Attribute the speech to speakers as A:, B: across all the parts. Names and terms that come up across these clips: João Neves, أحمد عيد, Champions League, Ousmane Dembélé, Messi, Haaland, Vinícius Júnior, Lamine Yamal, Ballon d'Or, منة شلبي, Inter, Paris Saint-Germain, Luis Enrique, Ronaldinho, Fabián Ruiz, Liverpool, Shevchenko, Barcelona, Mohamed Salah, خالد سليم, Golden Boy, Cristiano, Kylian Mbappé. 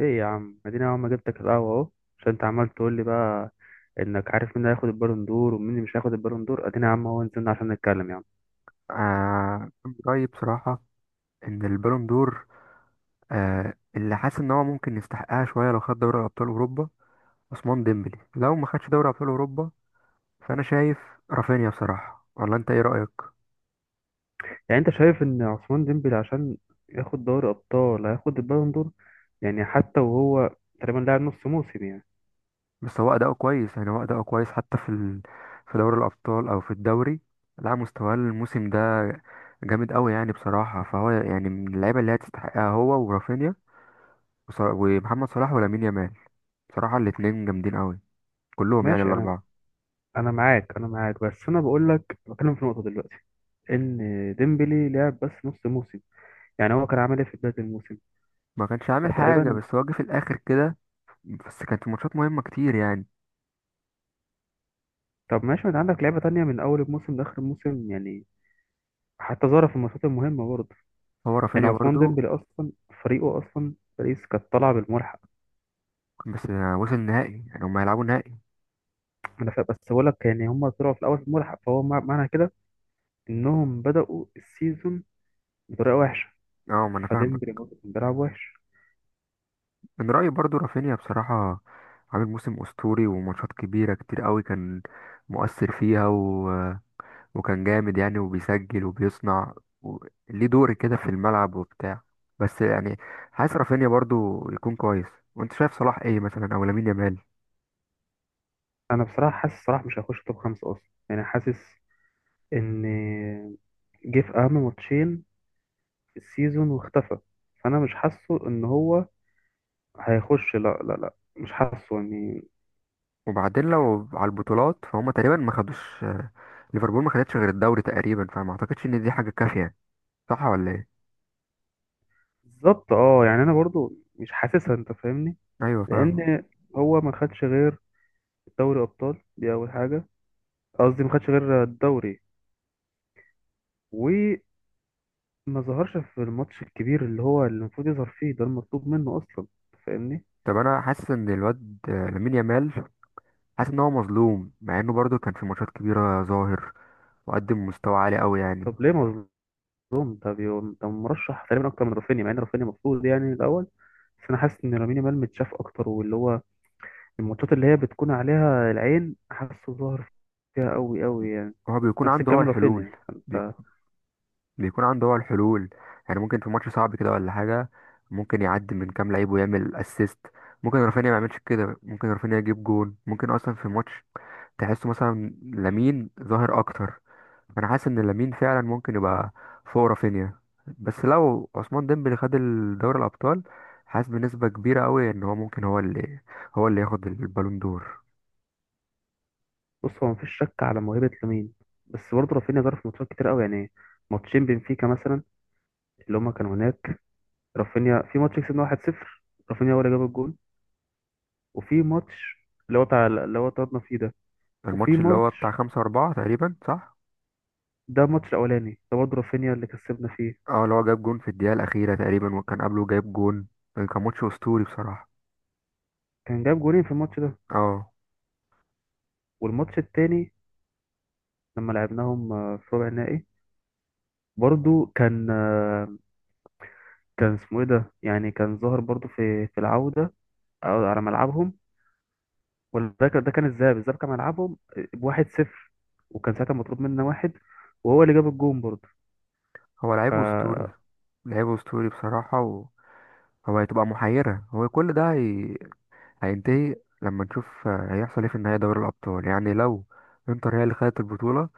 A: ايه يا عم، اديني. اول ما جبتك القهوه اهو، عشان انت عمال تقول لي بقى انك عارف مين هياخد البالون دور ومين اللي مش هياخد البالون دور. اديني يا عم اهو، نزلنا عشان نتكلم يعني.
B: آه رأيي بصراحة، إن البالون دور، اللي حاسس إن هو ممكن يستحقها شوية لو خد دوري أبطال أوروبا. عثمان ديمبلي لو ما خدش دوري أبطال أوروبا، فأنا شايف رافينيا بصراحة. ولا أنت إيه رأيك؟
A: يعني انت شايف ان عثمان ديمبلي عشان ياخد دوري ابطال هياخد البالون دور؟ يعني حتى وهو تقريبا لاعب نص موسم يعني.
B: بس هو أداؤه كويس، يعني هو أداؤه كويس حتى في دوري الأبطال أو في الدوري. لا، مستواه الموسم ده جامد أوي، يعني بصراحة فهو يعني من اللعيبة اللي هي تستحقها، هو ورافينيا ومحمد صلاح ولامين يامال. بصراحة الاتنين جامدين أوي، كلهم يعني
A: ماشي. انا
B: الأربعة.
A: انا معاك، بس انا بقول لك، بتكلم في نقطه دلوقتي ان ديمبلي لعب بس نص موسم. يعني هو كان عامل ايه في بدايه الموسم
B: ما كانش عامل
A: ده
B: حاجة،
A: تقريبا؟
B: بس هو جه في الآخر كده. بس كانت الماتشات مهمة كتير يعني.
A: طب ماشي، ما انت عندك لعيبه تانية من اول الموسم لاخر الموسم يعني، حتى ظهر في الماتشات المهمة برضه.
B: هو
A: يعني
B: رافينيا
A: عثمان
B: برضو،
A: ديمبلي أصلا، فريقه أصلا باريس كانت طالعة بالملحق.
B: بس يعني وصل النهائي، يعني هما هيلعبوا نهائي.
A: بس بقول لك، يعني هم طلعوا في الأول بالملحق، فهو معنى كده إنهم بدأوا السيزون بطريقة وحشة.
B: اه، ما انا فاهمك.
A: فديمبلي برضه كان بيلعب وحش.
B: من رأيي برضو رافينيا بصراحة، عامل موسم أسطوري وماتشات كبيرة كتير قوي، كان مؤثر فيها وكان جامد يعني، وبيسجل وبيصنع و... ليه دور كده في الملعب وبتاع. بس يعني عايز رافينيا برضو يكون كويس. وانت شايف صلاح ايه مثلا او لامين يامال؟
A: أنا بصراحة حاسس صلاح مش هيخش توب خمسة أصلا، يعني حاسس إن جه في أهم ماتشين في السيزون واختفى. فأنا مش حاسه إن هو هيخش، لا لا لا مش حاسه يعني.
B: وبعدين لو على البطولات فهم تقريبا ما خدوش، ليفربول ما خدتش غير الدوري تقريبا، فما اعتقدش ان دي حاجه كافيه. صح ولا ايه؟
A: بالظبط اه. يعني أنا برضه مش حاسسها، أنت فاهمني؟
B: ايوه، فاهمه.
A: لان هو ما خدش غير دوري ابطال، دي اول حاجه. قصدي ما خدش غير الدوري، وما ظهرش في الماتش الكبير اللي هو اللي المفروض يظهر فيه، ده المطلوب منه اصلا. فاهمني؟
B: طب انا حاسس ان الواد، لامين يامال، حاسس ان هو مظلوم، مع انه برضه كان في ماتشات كبيره ظاهر، وقدم مستوى عالي قوي يعني.
A: طب ليه مظلوم؟ ده مرشح تقريبا اكتر من رافينيا، مع ان رافينيا المفروض يعني الاول. بس انا حاسس ان لامين يامال متشاف اكتر، واللي هو الماتشات اللي هي بتكون عليها العين حاسه ظهر فيها قوي قوي يعني.
B: هو بيكون
A: نفس
B: عنده هو
A: الكلام
B: الحلول.
A: رافينيا
B: بيك-
A: انت.
B: بيكون عنده هو الحلول. يعني ممكن في ماتش صعب كده ولا حاجه، ممكن يعدي من كام لعيب ويعمل اسيست. ممكن رافينيا ما يعملش كده، ممكن رافينيا يجيب جون، ممكن اصلا في ماتش تحسه مثلا لامين ظاهر اكتر. فانا حاسس ان لامين فعلا ممكن يبقى فوق رافينيا. بس لو عثمان ديمبلي خد دوري الابطال، حاسس بنسبه كبيره قوي ان هو ممكن، هو اللي ياخد البالون دور.
A: بص، هو مفيش شك على موهبة لامين، بس برضه رافينيا جرى في ماتشات كتير قوي يعني. ماتشين بنفيكا مثلا، اللي هما كانوا هناك، رافينيا في ماتش كسبنا 1-0، رافينيا هو اللي جاب الجول. وفي ماتش اللي هو بتاع اللي هو طردنا فيه ده. وفي
B: الماتش اللي هو بتاع
A: ماتش،
B: خمسة أربعة تقريبا، صح؟
A: ده الماتش الأولاني ده برضه رافينيا اللي كسبنا فيه،
B: اه، اللي هو جاب جون في الدقيقة الأخيرة تقريبا، وكان قبله جايب جون. كان ماتش أسطوري بصراحة.
A: كان جاب جولين في الماتش ده.
B: اه.
A: والماتش التاني لما لعبناهم في ربع النهائي، برضه كان، كان اسمه ايه ده يعني، كان ظاهر برضه في العودة أو على ملعبهم. وده كان الذهاب كان ملعبهم بواحد صفر، وكان ساعتها مطلوب منا واحد، وهو اللي جاب الجون برضه.
B: هو لعيب أسطوري،
A: ف
B: لعيب أسطوري بصراحة. وهو هتبقى محيرة هو كل ده هيتضايق لما نشوف، هيحصل ايه في النهاية دوري الأبطال. يعني لو انتر هي اللي خدت البطولة،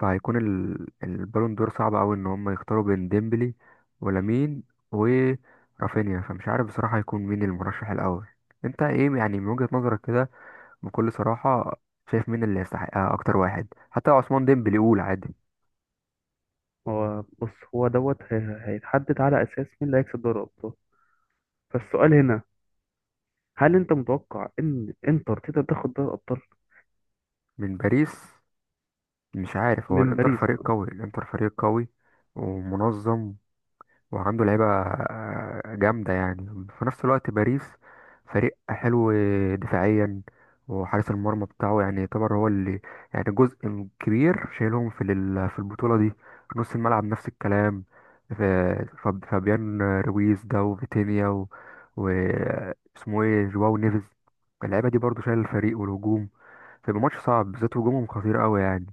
B: فهيكون البالون دور صعب أوي إن هم يختاروا بين ديمبلي ولامين ورافينيا. فمش عارف بصراحة هيكون مين المرشح الأول. انت ايه يعني من وجهة نظرك كده، بكل صراحة؟ شايف مين اللي يستحقها أكتر واحد، حتى لو عثمان ديمبلي؟ يقول عادي.
A: هو بص، هيتحدد على اساس مين اللي هيكسب دوري الابطال. فالسؤال هنا، هل انت متوقع ان انتر تقدر تاخد دوري الابطال
B: من باريس. مش عارف، هو
A: من
B: الانتر
A: باريس؟
B: فريق قوي، الانتر فريق قوي ومنظم، وعنده لعيبة، جامدة يعني. في نفس الوقت باريس فريق حلو دفاعيا، وحارس المرمى بتاعه يعني يعتبر هو اللي، يعني جزء كبير شايلهم في في البطولة دي. نص الملعب نفس الكلام. ف- فابيان رويز ده، وفيتينيا و... اسمه ايه، جواو نيفيز. اللعيبة دي برضو شايل الفريق والهجوم. فيبقى ماتش صعب، بالذات هجومهم خطير قوي يعني.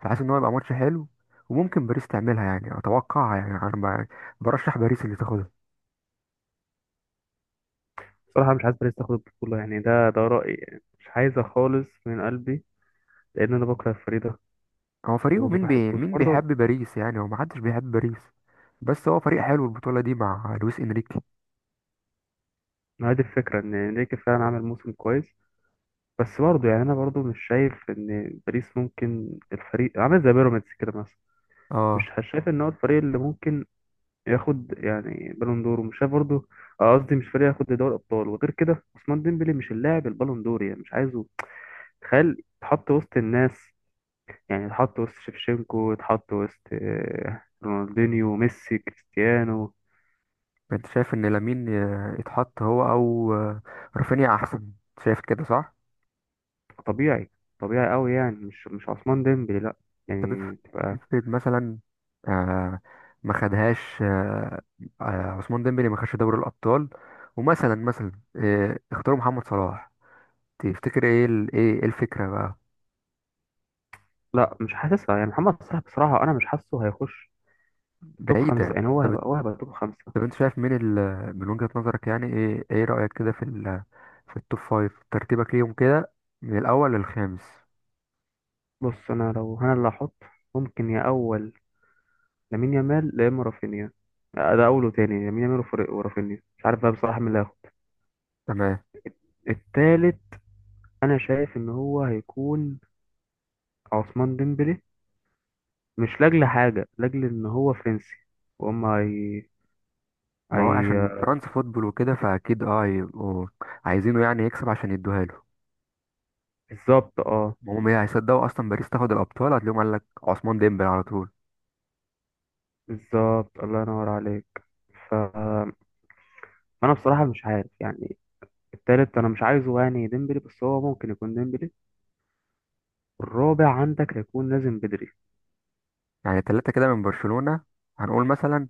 B: فحاسس ان هو يبقى ماتش حلو، وممكن باريس تعملها يعني، اتوقعها يعني، انا برشح باريس اللي تاخدها.
A: بصراحه مش عايز باريس تاخد البطوله يعني، ده رايي يعني، مش عايزه خالص من قلبي. لان انا بكره الفريق ده،
B: هو فريقه
A: وما
B: مين،
A: بحبوش
B: مين بيحب
A: برضه.
B: باريس يعني، هو محدش بيحب باريس. بس هو فريق حلو البطولة دي مع لويس انريكي.
A: ما هي دي الفكره، ان انريكي فعلا عمل موسم كويس. بس برضه يعني انا برضه مش شايف ان باريس ممكن، الفريق عامل زي بيراميدز كده مثلا. مش
B: اه.
A: شايف ان هو الفريق اللي ممكن ياخد يعني بالون دور، ومش شايف برضه، قصدي مش فريق ياخد دوري ابطال. وغير كده عثمان ديمبلي مش اللاعب البالون دور يعني، مش عايزه تخيل يتحط وسط الناس. يعني يتحط وسط شيفشينكو، يتحط وسط رونالدينيو، ميسي، كريستيانو.
B: انت شايف ان لامين، يتحط هو او، رافينيا احسن؟ شايف كده، صح؟
A: طبيعي، طبيعي قوي يعني، مش عثمان ديمبلي لا.
B: طب
A: يعني تبقى.
B: افرض مثلا، آه ما خدهاش، عثمان ديمبلي ما خدش دوري الابطال، ومثلا مثلا آه اختاروا محمد صلاح. تفتكر ايه إيه الفكرة بقى؟
A: لا مش حاسسها يعني محمد صلاح بصراحة، أنا مش حاسه هيخش توب خمسة.
B: بعيدة.
A: يعني هو
B: طب،
A: هيبقى هو هيبقى توب خمسة.
B: طب انت شايف مين من وجهة نظرك يعني، ايه رأيك كده في في التوب فايف؟ ترتيبك ليهم كده من الأول للخامس.
A: بص أنا، لو أنا اللي هحط، ممكن يا أول لامين يامال يا إما رافينيا. لا، ده أول وتاني لامين يامال ورافينيا، مش عارف بقى بصراحة مين اللي هياخد.
B: تمام.
A: التالت أنا شايف إن هو هيكون عثمان ديمبلي، مش لأجل حاجة، لأجل إن هو فرنسي وهم، هي
B: ما هو عشان
A: هي
B: فرنسا فوتبول وكده، فأكيد هيبقوا عايزينه يعني يكسب عشان يدوها له.
A: بالظبط اه.
B: هم ايه، هيصدقوا أصلا باريس تاخد الأبطال؟ هتلاقيهم قال لك عثمان ديمبلي على طول.
A: بالظبط، الله ينور عليك. ف أنا بصراحة مش عارف يعني، التالت أنا مش عايزه يعني ديمبلي، بس هو ممكن يكون ديمبلي. الرابع عندك هيكون لازم بدري.
B: يعني تلاتة كده من برشلونة، هنقول مثلا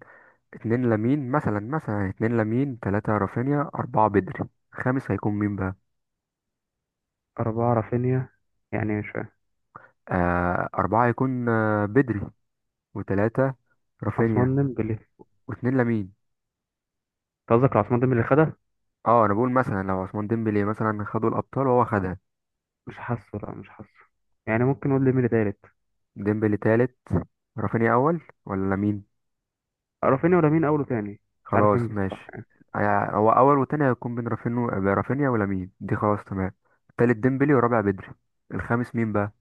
B: اتنين لامين، تلاتة رافينيا، أربعة بدري. خامس هيكون مين بقى؟
A: أربعة رافينيا؟ يعني مش فاهم.
B: أربعة هيكون بدري، وتلاتة رافينيا،
A: عثمان ديمبلي أنت؟
B: واتنين لمين.
A: قصدك على عثمان ديمبلي اللي خدها؟
B: اه، انا بقول مثلا، لو عثمان ديمبلي مثلا خدوا الابطال، وهو خدها.
A: مش حاسه، لا مش حاسه. يعني ممكن نقول ديمبلي تالت.
B: ديمبلي تالت، رافينيا اول ولا لامين؟
A: رافينيا ولا مين أول وتاني؟ مش عارف مين
B: خلاص
A: بصراحة.
B: ماشي. هو اول وتاني هيكون بين رافينيا ولامين، دي خلاص تمام. تالت ديمبلي، ورابع بدري، الخامس مين بقى؟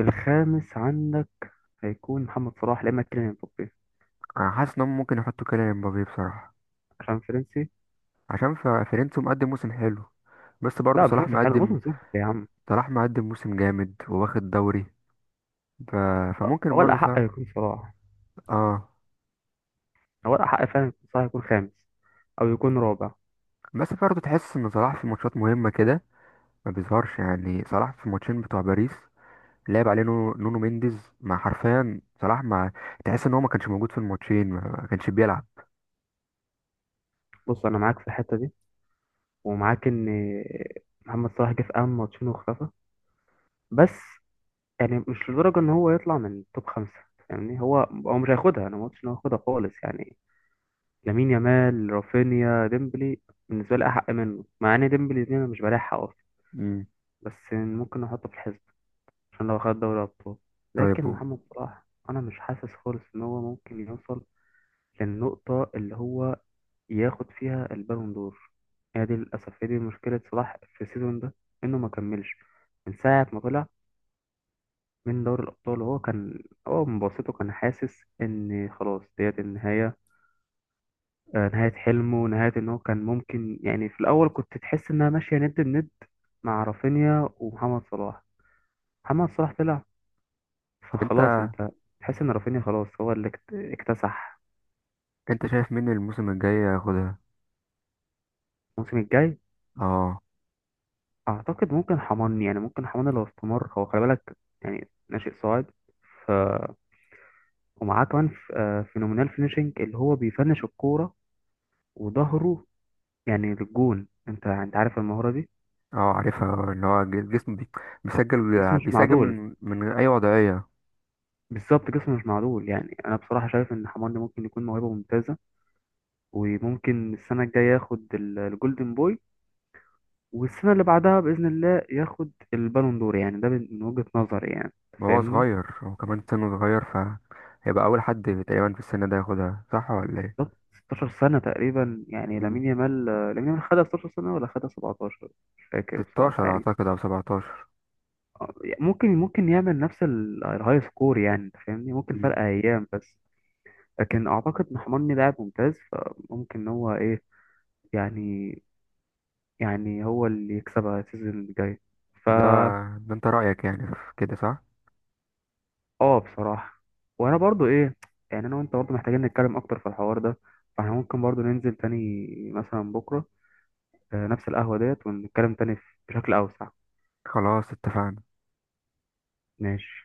A: الخامس عندك هيكون محمد صلاح لا إما كيليان امبابي.
B: انا حاسس انهم ممكن يحطوا كيليان مبابي بصراحه،
A: عشان فرنسي.
B: عشان فيرنتو مقدم موسم حلو. بس برضه
A: لا مش
B: صلاح
A: موسم حلو،
B: مقدم،
A: موسم سيء يا عم.
B: صلاح مقدم موسم جامد وواخد دوري، ف... فممكن
A: هو
B: برضه
A: الأحق
B: صلاح.
A: يكون صلاح،
B: اه.
A: هو الأحق فعلا يكون صلاح، يكون خامس أو يكون رابع.
B: بس برضه تحس ان صلاح في ماتشات مهمه كده ما بيظهرش، يعني صلاح في الماتشين بتوع باريس لعب عليه نونو مينديز، مع حرفيا صلاح، ما تحس ان هو ما كانش موجود في الماتشين، ما كانش بيلعب.
A: بص أنا معاك في الحتة دي، ومعاك إن محمد صلاح جه في أهم ماتشين واختفى، بس يعني مش لدرجة إن هو يطلع من توب خمسة. يعني هو مش هياخدها، أنا ما قلتش إن هو هياخدها خالص يعني. لامين يامال، رافينيا، ديمبلي بالنسبة لي أحق منه، مع إن ديمبلي دي أنا مش بريح حقه أصلا.
B: امم
A: بس ممكن أحطه في الحزب عشان لو خد دوري أبطال.
B: طيب
A: لكن محمد صلاح، أنا مش حاسس خالص إن هو ممكن يوصل للنقطة اللي هو ياخد فيها البالون دور. هي دي للأسف هي دي مشكلة صلاح في السيزون ده، إنه ما كملش من ساعة ما طلع من دوري الأبطال. هو من بسيطه كان حاسس إن خلاص ديت النهاية، نهاية حلمه، نهاية إن هو كان ممكن. يعني في الأول كنت تحس إنها ماشية ند بند مع رافينيا ومحمد صلاح. محمد صلاح طلع،
B: انت
A: فخلاص أنت تحس إن رافينيا خلاص هو اللي اكتسح.
B: انت شايف مين الموسم الجاي ياخدها؟
A: الموسم الجاي
B: اه.
A: أعتقد ممكن حماني، يعني ممكن حماني لو استمر هو. خلي بالك يعني، ناشئ صاعد. ف ومعاه كمان فينومينال فينيشنج، اللي هو بيفنش الكورة وظهره يعني للجون. انت عارف المهارة دي.
B: اه، عارفها، اللي هو جسمه، بيسجل
A: جسمه مش
B: بيسجل
A: معدول.
B: من اي وضعية.
A: بالظبط جسمه مش معدول، يعني انا بصراحة شايف ان حماني ممكن يكون موهبة ممتازة، وممكن السنة الجاية ياخد الجولدن بوي، والسنة اللي بعدها بإذن الله ياخد البالون دور. يعني ده من وجهة نظري يعني، انت
B: وهو
A: فاهمني؟
B: صغير، هو كمان سنه صغير، فهيبقى اول حد تقريبا في السن ده ياخدها، صح ولا ايه؟
A: طب 16 سنة تقريبا، يعني
B: امم
A: لامين يامال خدها 16 سنة ولا خدها 17، مش فاكر بصراحة
B: 16
A: يعني.
B: اعتقد او 17.
A: آه، ممكن يعمل نفس الهاي سكور يعني، انت فاهمني؟ ممكن
B: امم
A: فرق ايام بس. لكن اعتقد محمدني لاعب ممتاز، فممكن إن هو ايه يعني يعني هو اللي يكسبها السيزون اللي جاي.
B: ده
A: فا
B: ده انت رأيك يعني في كده، صح؟
A: اه بصراحة، وانا برضو ايه، يعني انا وانت برضو محتاجين نتكلم اكتر في الحوار ده. فاحنا ممكن برضو ننزل تاني مثلا بكرة، نفس القهوة ديت، ونتكلم تاني بشكل اوسع.
B: خلاص، اتفقنا.
A: ماشي.